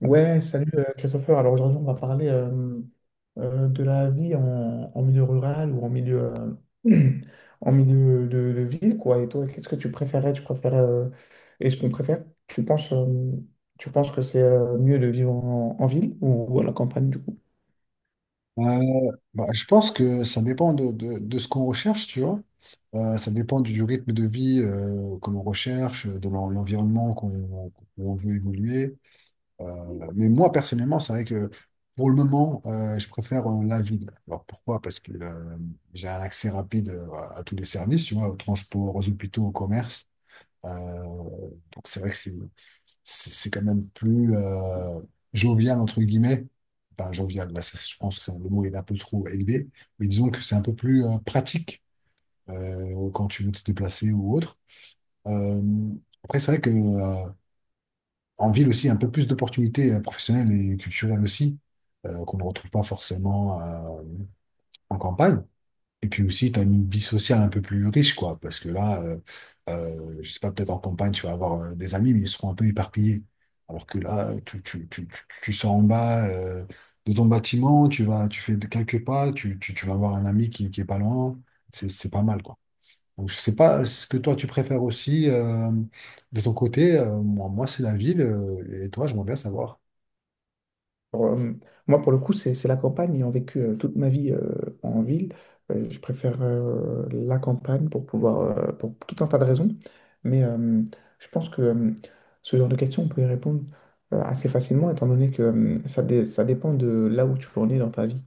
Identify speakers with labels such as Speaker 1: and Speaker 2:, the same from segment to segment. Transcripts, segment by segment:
Speaker 1: Ouais, salut Christopher. Alors aujourd'hui, on va parler de la vie en milieu rural ou en milieu, euh, en milieu de ville, quoi. Et toi, qu'est-ce que tu préférais? Tu préférais, est-ce qu'on préfère? Tu penses que c'est mieux de vivre en ville ou à la campagne, du coup?
Speaker 2: Euh, bah, je pense que ça dépend de ce qu'on recherche, tu vois. Ça dépend du rythme de vie que l'on recherche, de l'environnement qu'on, où on veut évoluer. Mais moi, personnellement, c'est vrai que pour le moment, je préfère la ville. Alors pourquoi? Parce que j'ai un accès rapide à tous les services, tu vois, au transport, aux hôpitaux, au commerce. Euh, donc c'est vrai que c'est quand même plus jovial, entre guillemets. Pas jovial, là, je pense que le mot est un peu trop élevé, mais disons que c'est un peu plus pratique quand tu veux te déplacer ou autre. Euh, après, c'est vrai que en ville aussi, il y a un peu plus d'opportunités professionnelles et culturelles aussi, qu'on ne retrouve pas forcément en campagne. Et puis aussi, tu as une vie sociale un peu plus riche, quoi. Parce que là, je sais pas, peut-être en campagne, tu vas avoir des amis, mais ils seront un peu éparpillés. Alors que là, tu sors en bas de ton bâtiment, tu vas, tu fais quelques pas, tu vas avoir un ami qui est pas loin. C'est pas mal, quoi. Donc, je sais pas ce que toi, tu préfères aussi de ton côté. Moi, c'est la ville. Et toi, j'aimerais bien savoir.
Speaker 1: Pour, euh, Moi, pour le coup, c'est la campagne. Ayant vécu toute ma vie en ville, je préfère la campagne pour pouvoir, pour tout un tas de raisons. Mais je pense que ce genre de questions, on peut y répondre assez facilement, étant donné que ça dépend de là où tu en es dans ta vie.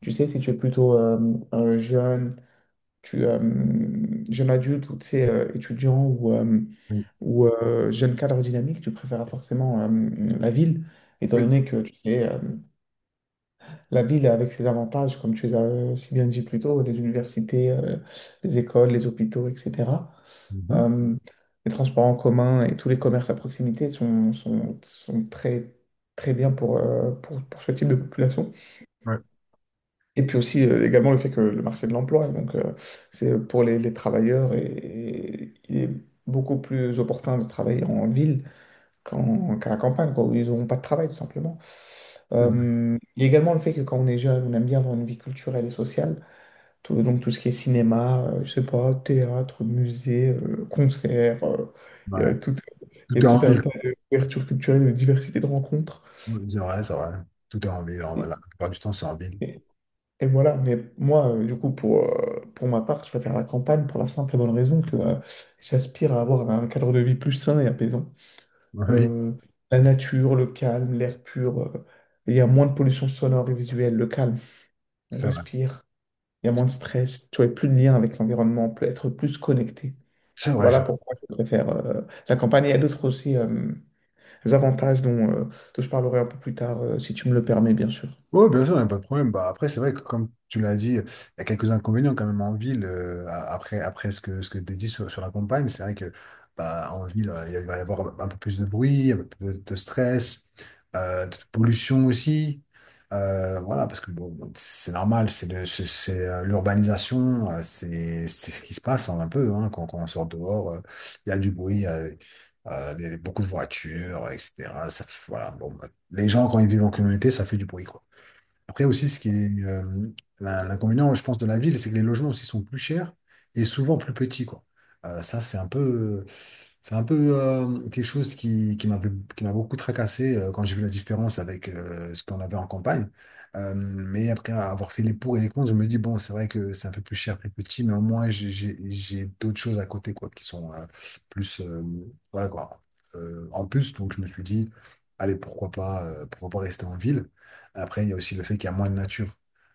Speaker 1: Tu sais, si tu es plutôt un jeune, jeune adulte ou tu sais, étudiant ou, euh,
Speaker 2: Oui,
Speaker 1: ou euh, jeune cadre dynamique, tu préfères forcément la ville étant
Speaker 2: oui.
Speaker 1: donné que tu sais, la ville, avec ses avantages, comme tu les as si bien dit plus tôt, les universités, les écoles, les hôpitaux, etc.
Speaker 2: Mhm.
Speaker 1: Euh, les transports en commun et tous les commerces à proximité sont très, très bien pour ce type de population.
Speaker 2: Ouais,
Speaker 1: Et puis aussi, également, le fait que le marché de l'emploi, donc, c'est pour les travailleurs, et il est beaucoup plus opportun de travailler en ville qu'à la campagne, quoi, où ils n'auront pas de travail, tout simplement.
Speaker 2: c'est vrai.
Speaker 1: Il y a également le fait que quand on est jeune, on aime bien avoir une vie culturelle et sociale. Donc tout ce qui est cinéma, je sais pas, théâtre, musée, concert, il y a
Speaker 2: Ouais.
Speaker 1: tout,
Speaker 2: Tout
Speaker 1: il y a
Speaker 2: est
Speaker 1: tout
Speaker 2: en
Speaker 1: un
Speaker 2: ville.
Speaker 1: tas d'ouvertures culturelles, de diversité de rencontres.
Speaker 2: Oui. C'est vrai, c'est vrai. Tout est en ville.
Speaker 1: Et,
Speaker 2: La plupart du temps, c'est en ville.
Speaker 1: et- et voilà, mais moi, du coup, pour ma part, je préfère la campagne pour la simple et bonne raison que j'aspire à avoir un cadre de vie plus sain et apaisant.
Speaker 2: Oui,
Speaker 1: Euh, la nature, le calme, l'air pur. Il y a moins de pollution sonore et visuelle, le calme. On
Speaker 2: c'est vrai.
Speaker 1: respire. Il y a moins de stress. Tu as plus de lien avec l'environnement. On peut être plus connecté.
Speaker 2: C'est vrai, c'est
Speaker 1: Voilà
Speaker 2: vrai.
Speaker 1: pourquoi je préfère la campagne. Il y a d'autres aussi avantages dont je parlerai un peu plus tard, si tu me le permets, bien sûr.
Speaker 2: Oui, bien sûr, il n'y a pas de problème. Bah, après, c'est vrai que comme tu l'as dit, il y a quelques inconvénients quand même en ville. Après ce que tu as dit sur la campagne, c'est vrai que bah, en ville, il va y avoir un peu plus de bruit, un peu plus de stress, de pollution aussi. Voilà, parce que bon, c'est normal, l'urbanisation, c'est ce qui se passe hein, un peu hein, quand on sort dehors, il y a du bruit, il y a beaucoup de voitures, etc. Voilà, bon, bah, les gens, quand ils vivent en communauté, ça fait du bruit, quoi. Après aussi, ce qui est l'inconvénient, je pense, de la ville, c'est que les logements aussi sont plus chers et souvent plus petits, quoi. Ça, c'est un peu, quelque chose qui m'avait, qui m'a beaucoup tracassé quand j'ai vu la différence avec ce qu'on avait en campagne. Mais après avoir fait les pour et les contre, je me dis, bon, c'est vrai que c'est un peu plus cher, plus petit, mais au moins, j'ai d'autres choses à côté, quoi, qui sont plus, voilà, quoi, en plus. Donc, je me suis dit, allez, pourquoi pas, rester en ville? Après, il y a aussi le fait qu'il y a moins de nature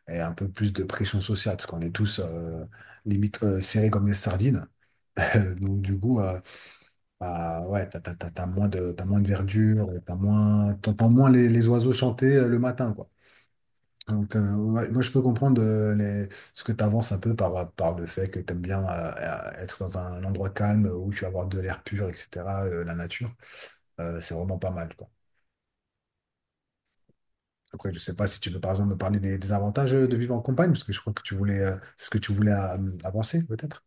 Speaker 2: et un peu plus de pression sociale, parce qu'on est tous limite serrés comme des sardines. Donc du coup, bah, ouais, t'as moins de verdure, t'as moins, t'entends moins les oiseaux chanter le matin, quoi. Donc ouais, moi, je peux comprendre ce que tu avances un peu par le fait que tu aimes bien être dans un endroit calme où tu vas avoir de l'air pur, etc., la nature. C'est vraiment pas mal, quoi. Après, je sais pas si tu veux par exemple me parler des avantages de vivre en campagne, parce que je crois que c'est ce que tu voulais avancer peut-être.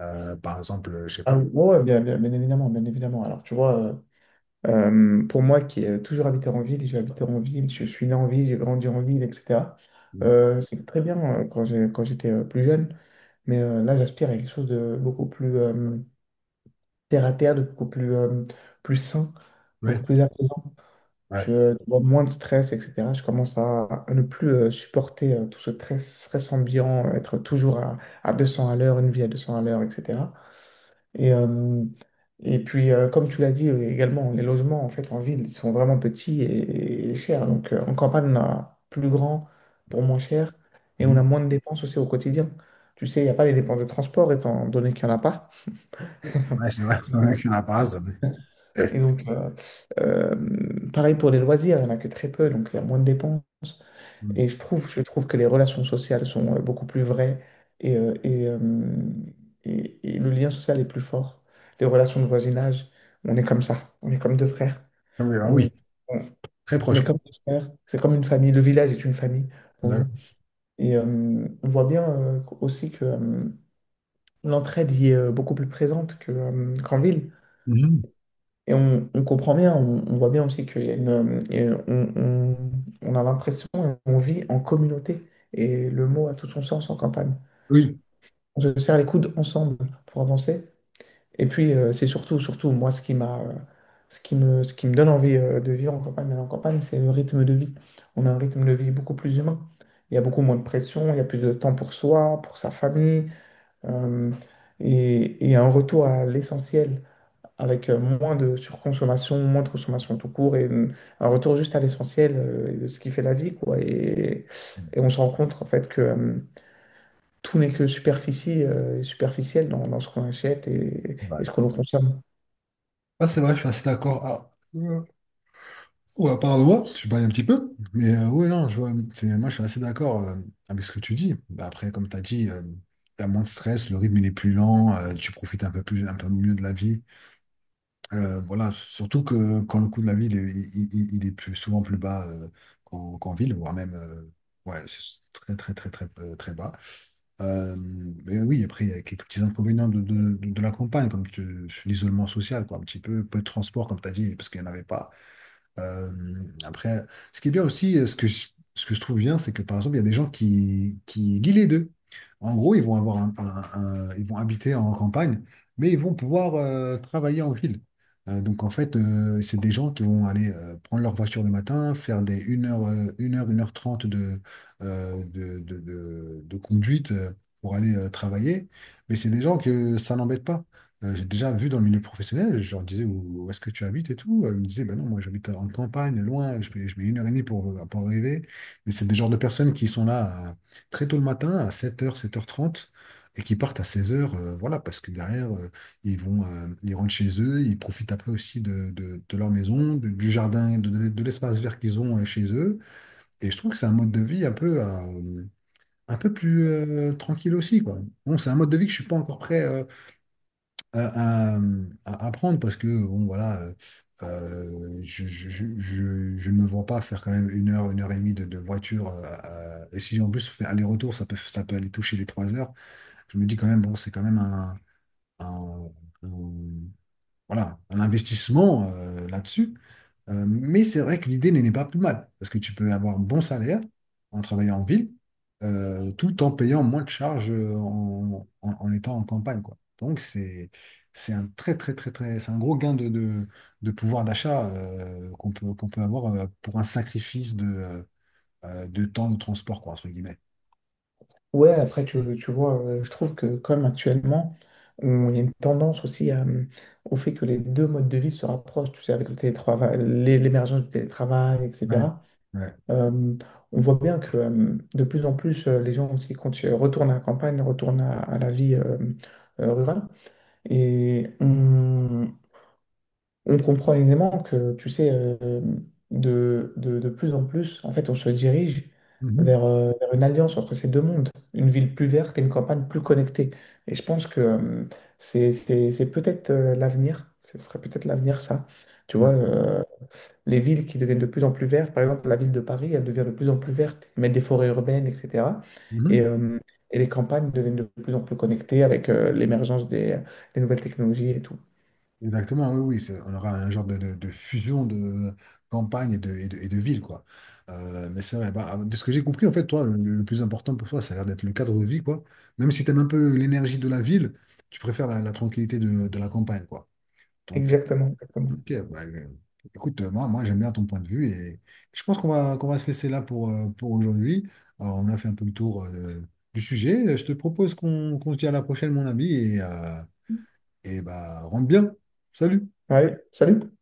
Speaker 2: Par exemple, je sais
Speaker 1: Ah oui,
Speaker 2: pas.
Speaker 1: ouais, ouais, bien, bien, bien évidemment, bien évidemment. Alors, tu vois, pour moi qui ai toujours habité en ville, j'ai habité en ville, je suis né en ville, j'ai grandi en ville, etc.
Speaker 2: Oui,
Speaker 1: C'était très bien quand j'étais plus jeune. Mais là, j'aspire à quelque chose de beaucoup plus terre à terre, de beaucoup plus, plus sain,
Speaker 2: oui,
Speaker 1: beaucoup plus apaisant.
Speaker 2: ouais.
Speaker 1: Je vois moins de stress, etc. Je commence à ne plus supporter tout ce stress ambiant, être toujours à 200 à l'heure, une vie à 200 à l'heure, etc. Et, euh, et puis, comme tu l'as dit également, les logements en fait en ville ils sont vraiment petits et chers. Donc, en campagne, on a plus grand pour moins cher et on
Speaker 2: Mhm.
Speaker 1: a moins de dépenses aussi au quotidien. Tu sais, il n'y a pas les dépenses de transport étant donné qu'il n'y en a pas.
Speaker 2: C'est vrai, c'est vrai. Il y en a qui n'en mais-
Speaker 1: Et donc, pareil pour les loisirs, il n'y en a que très peu, donc il y a moins de dépenses.
Speaker 2: Mhm.
Speaker 1: Je trouve que les relations sociales sont beaucoup plus vraies et, euh, et, euh, et le lien social est plus fort. Les relations de voisinage, on est comme ça, on est comme deux frères,
Speaker 2: Ah,
Speaker 1: on,
Speaker 2: oui,
Speaker 1: on-
Speaker 2: très
Speaker 1: on
Speaker 2: proche
Speaker 1: est
Speaker 2: quoi.
Speaker 1: comme deux frères, c'est comme une famille, le village est une famille pour nous.
Speaker 2: D'accord.
Speaker 1: Et on voit bien aussi que l'entraide y est beaucoup plus présente qu'en ville.
Speaker 2: Mhm.
Speaker 1: On comprend bien, on voit bien aussi qu'il y a une, et on a l'impression, on vit en communauté. Et le mot a tout son sens en campagne.
Speaker 2: Oui.
Speaker 1: On se serre les coudes ensemble pour avancer. Et puis, c'est surtout, surtout, moi, ce qui me donne envie de vivre en campagne, d'aller en campagne, c'est le rythme de vie. On a un rythme de vie beaucoup plus humain. Il y a beaucoup moins de pression, il y a plus de temps pour soi, pour sa famille, euh, et un retour à l'essentiel avec moins de surconsommation, moins de consommation tout court, un retour juste à l'essentiel et de ce qui fait la vie, quoi. Et on se rend compte, en fait, que tout n'est que superficie et superficiel dans ce qu'on achète et,
Speaker 2: Ouais.
Speaker 1: et ce que l'on consomme.
Speaker 2: Ah, c'est vrai, je suis assez d'accord. Ah. Ouais, pardon, je parlais un petit peu, mais ouais, non, je vois, moi je suis assez d'accord avec ce que tu dis. Bah, après, comme tu as dit, tu as moins de stress, le rythme il est plus lent, tu profites un peu plus, un peu mieux de la vie. Voilà, surtout que quand le coût de la vie il est plus, souvent plus bas qu'en ville, voire même ouais, c'est très, très, très, très, très bas. Euh, mais oui, après, il y a quelques petits inconvénients de la campagne, l'isolement social, quoi, un petit peu, peu de transport, comme tu as dit, parce qu'il n'y en avait pas. Euh, après, ce qui est bien aussi, ce que je trouve bien, c'est que par exemple, il y a des gens qui lient les deux. En gros, ils vont avoir ils vont habiter en campagne, mais ils vont pouvoir travailler en ville. Donc en fait, c'est des gens qui vont aller prendre leur voiture le matin, faire des une heure, 1 heure, 1 h 30 de conduite pour aller travailler. Mais c'est des gens que ça n'embête pas. J'ai déjà vu dans le milieu professionnel, je leur disais où est-ce que tu habites et tout. Ils me disaient, bah non, moi j'habite en campagne, loin, je mets 1 h 30 pour arriver. Mais c'est des genres de personnes qui sont là à- très tôt le matin, à 7 h, 7 h 30, et qui partent à 16 h, voilà, parce que derrière, ils rentrent chez eux, ils profitent après aussi de leur maison, du jardin, de l'espace vert qu'ils ont chez eux. Et je trouve que c'est un mode de vie un peu plus tranquille aussi, quoi. Bon, c'est un mode de vie que je suis pas encore prêt. À, à- à apprendre parce que bon voilà je ne me vois pas faire quand même une heure, 1 h 30 de voiture. Et si en plus on fait aller-retour, ça peut aller toucher les 3 heures. Je me dis quand même, bon, c'est quand même un, un- voilà, un investissement là-dessus. Mais c'est vrai que l'idée n'est pas plus mal, parce que tu peux avoir un bon salaire en travaillant en ville, tout en payant moins de charges en étant en campagne, quoi. Donc c'est un très très très très c'est un gros gain de pouvoir d'achat qu'on peut avoir pour un sacrifice de temps de transport, quoi, entre guillemets.
Speaker 1: Ouais, après, tu vois, je trouve que comme actuellement, il y a une tendance aussi au fait que les deux modes de vie se rapprochent, tu sais, avec le télétravail, l'émergence du télétravail,
Speaker 2: Ouais,
Speaker 1: etc.
Speaker 2: ouais.
Speaker 1: Euh, on voit bien que de plus en plus, les gens aussi retournent à la campagne, retournent à la vie rurale. Et on, on comprend aisément que, tu sais, de plus en plus, en fait, on se dirige
Speaker 2: Mhm.
Speaker 1: vers une alliance entre ces deux mondes, une ville plus verte et une campagne plus connectée. Et je pense que c'est peut-être l'avenir, ce serait peut-être l'avenir, ça. Tu
Speaker 2: Ouais.
Speaker 1: vois, les villes qui deviennent de plus en plus vertes, par exemple la ville de Paris, elle devient de plus en plus verte, ils mettent des forêts urbaines, etc. Et,
Speaker 2: Mhm.
Speaker 1: euh, et les campagnes deviennent de plus en plus connectées avec l'émergence des nouvelles technologies et tout.
Speaker 2: Exactement, oui, oui, on aura un genre de fusion de campagne et de ville, quoi. Mais c'est vrai, bah, de ce que j'ai compris, en fait, toi, le plus important pour toi, ça a l'air d'être le cadre de vie, quoi. Même si tu aimes un peu l'énergie de la ville, tu préfères la tranquillité de la campagne, quoi. Donc,
Speaker 1: Exactement, exactement.
Speaker 2: ok, bah, écoute, moi j'aime bien ton point de vue et je pense qu'on va se laisser là pour aujourd'hui. Alors, on a fait un peu le tour du sujet. Je te propose qu'on se dise à la prochaine, mon ami, et bah, rentre bien. Salut!
Speaker 1: Ouais, salut.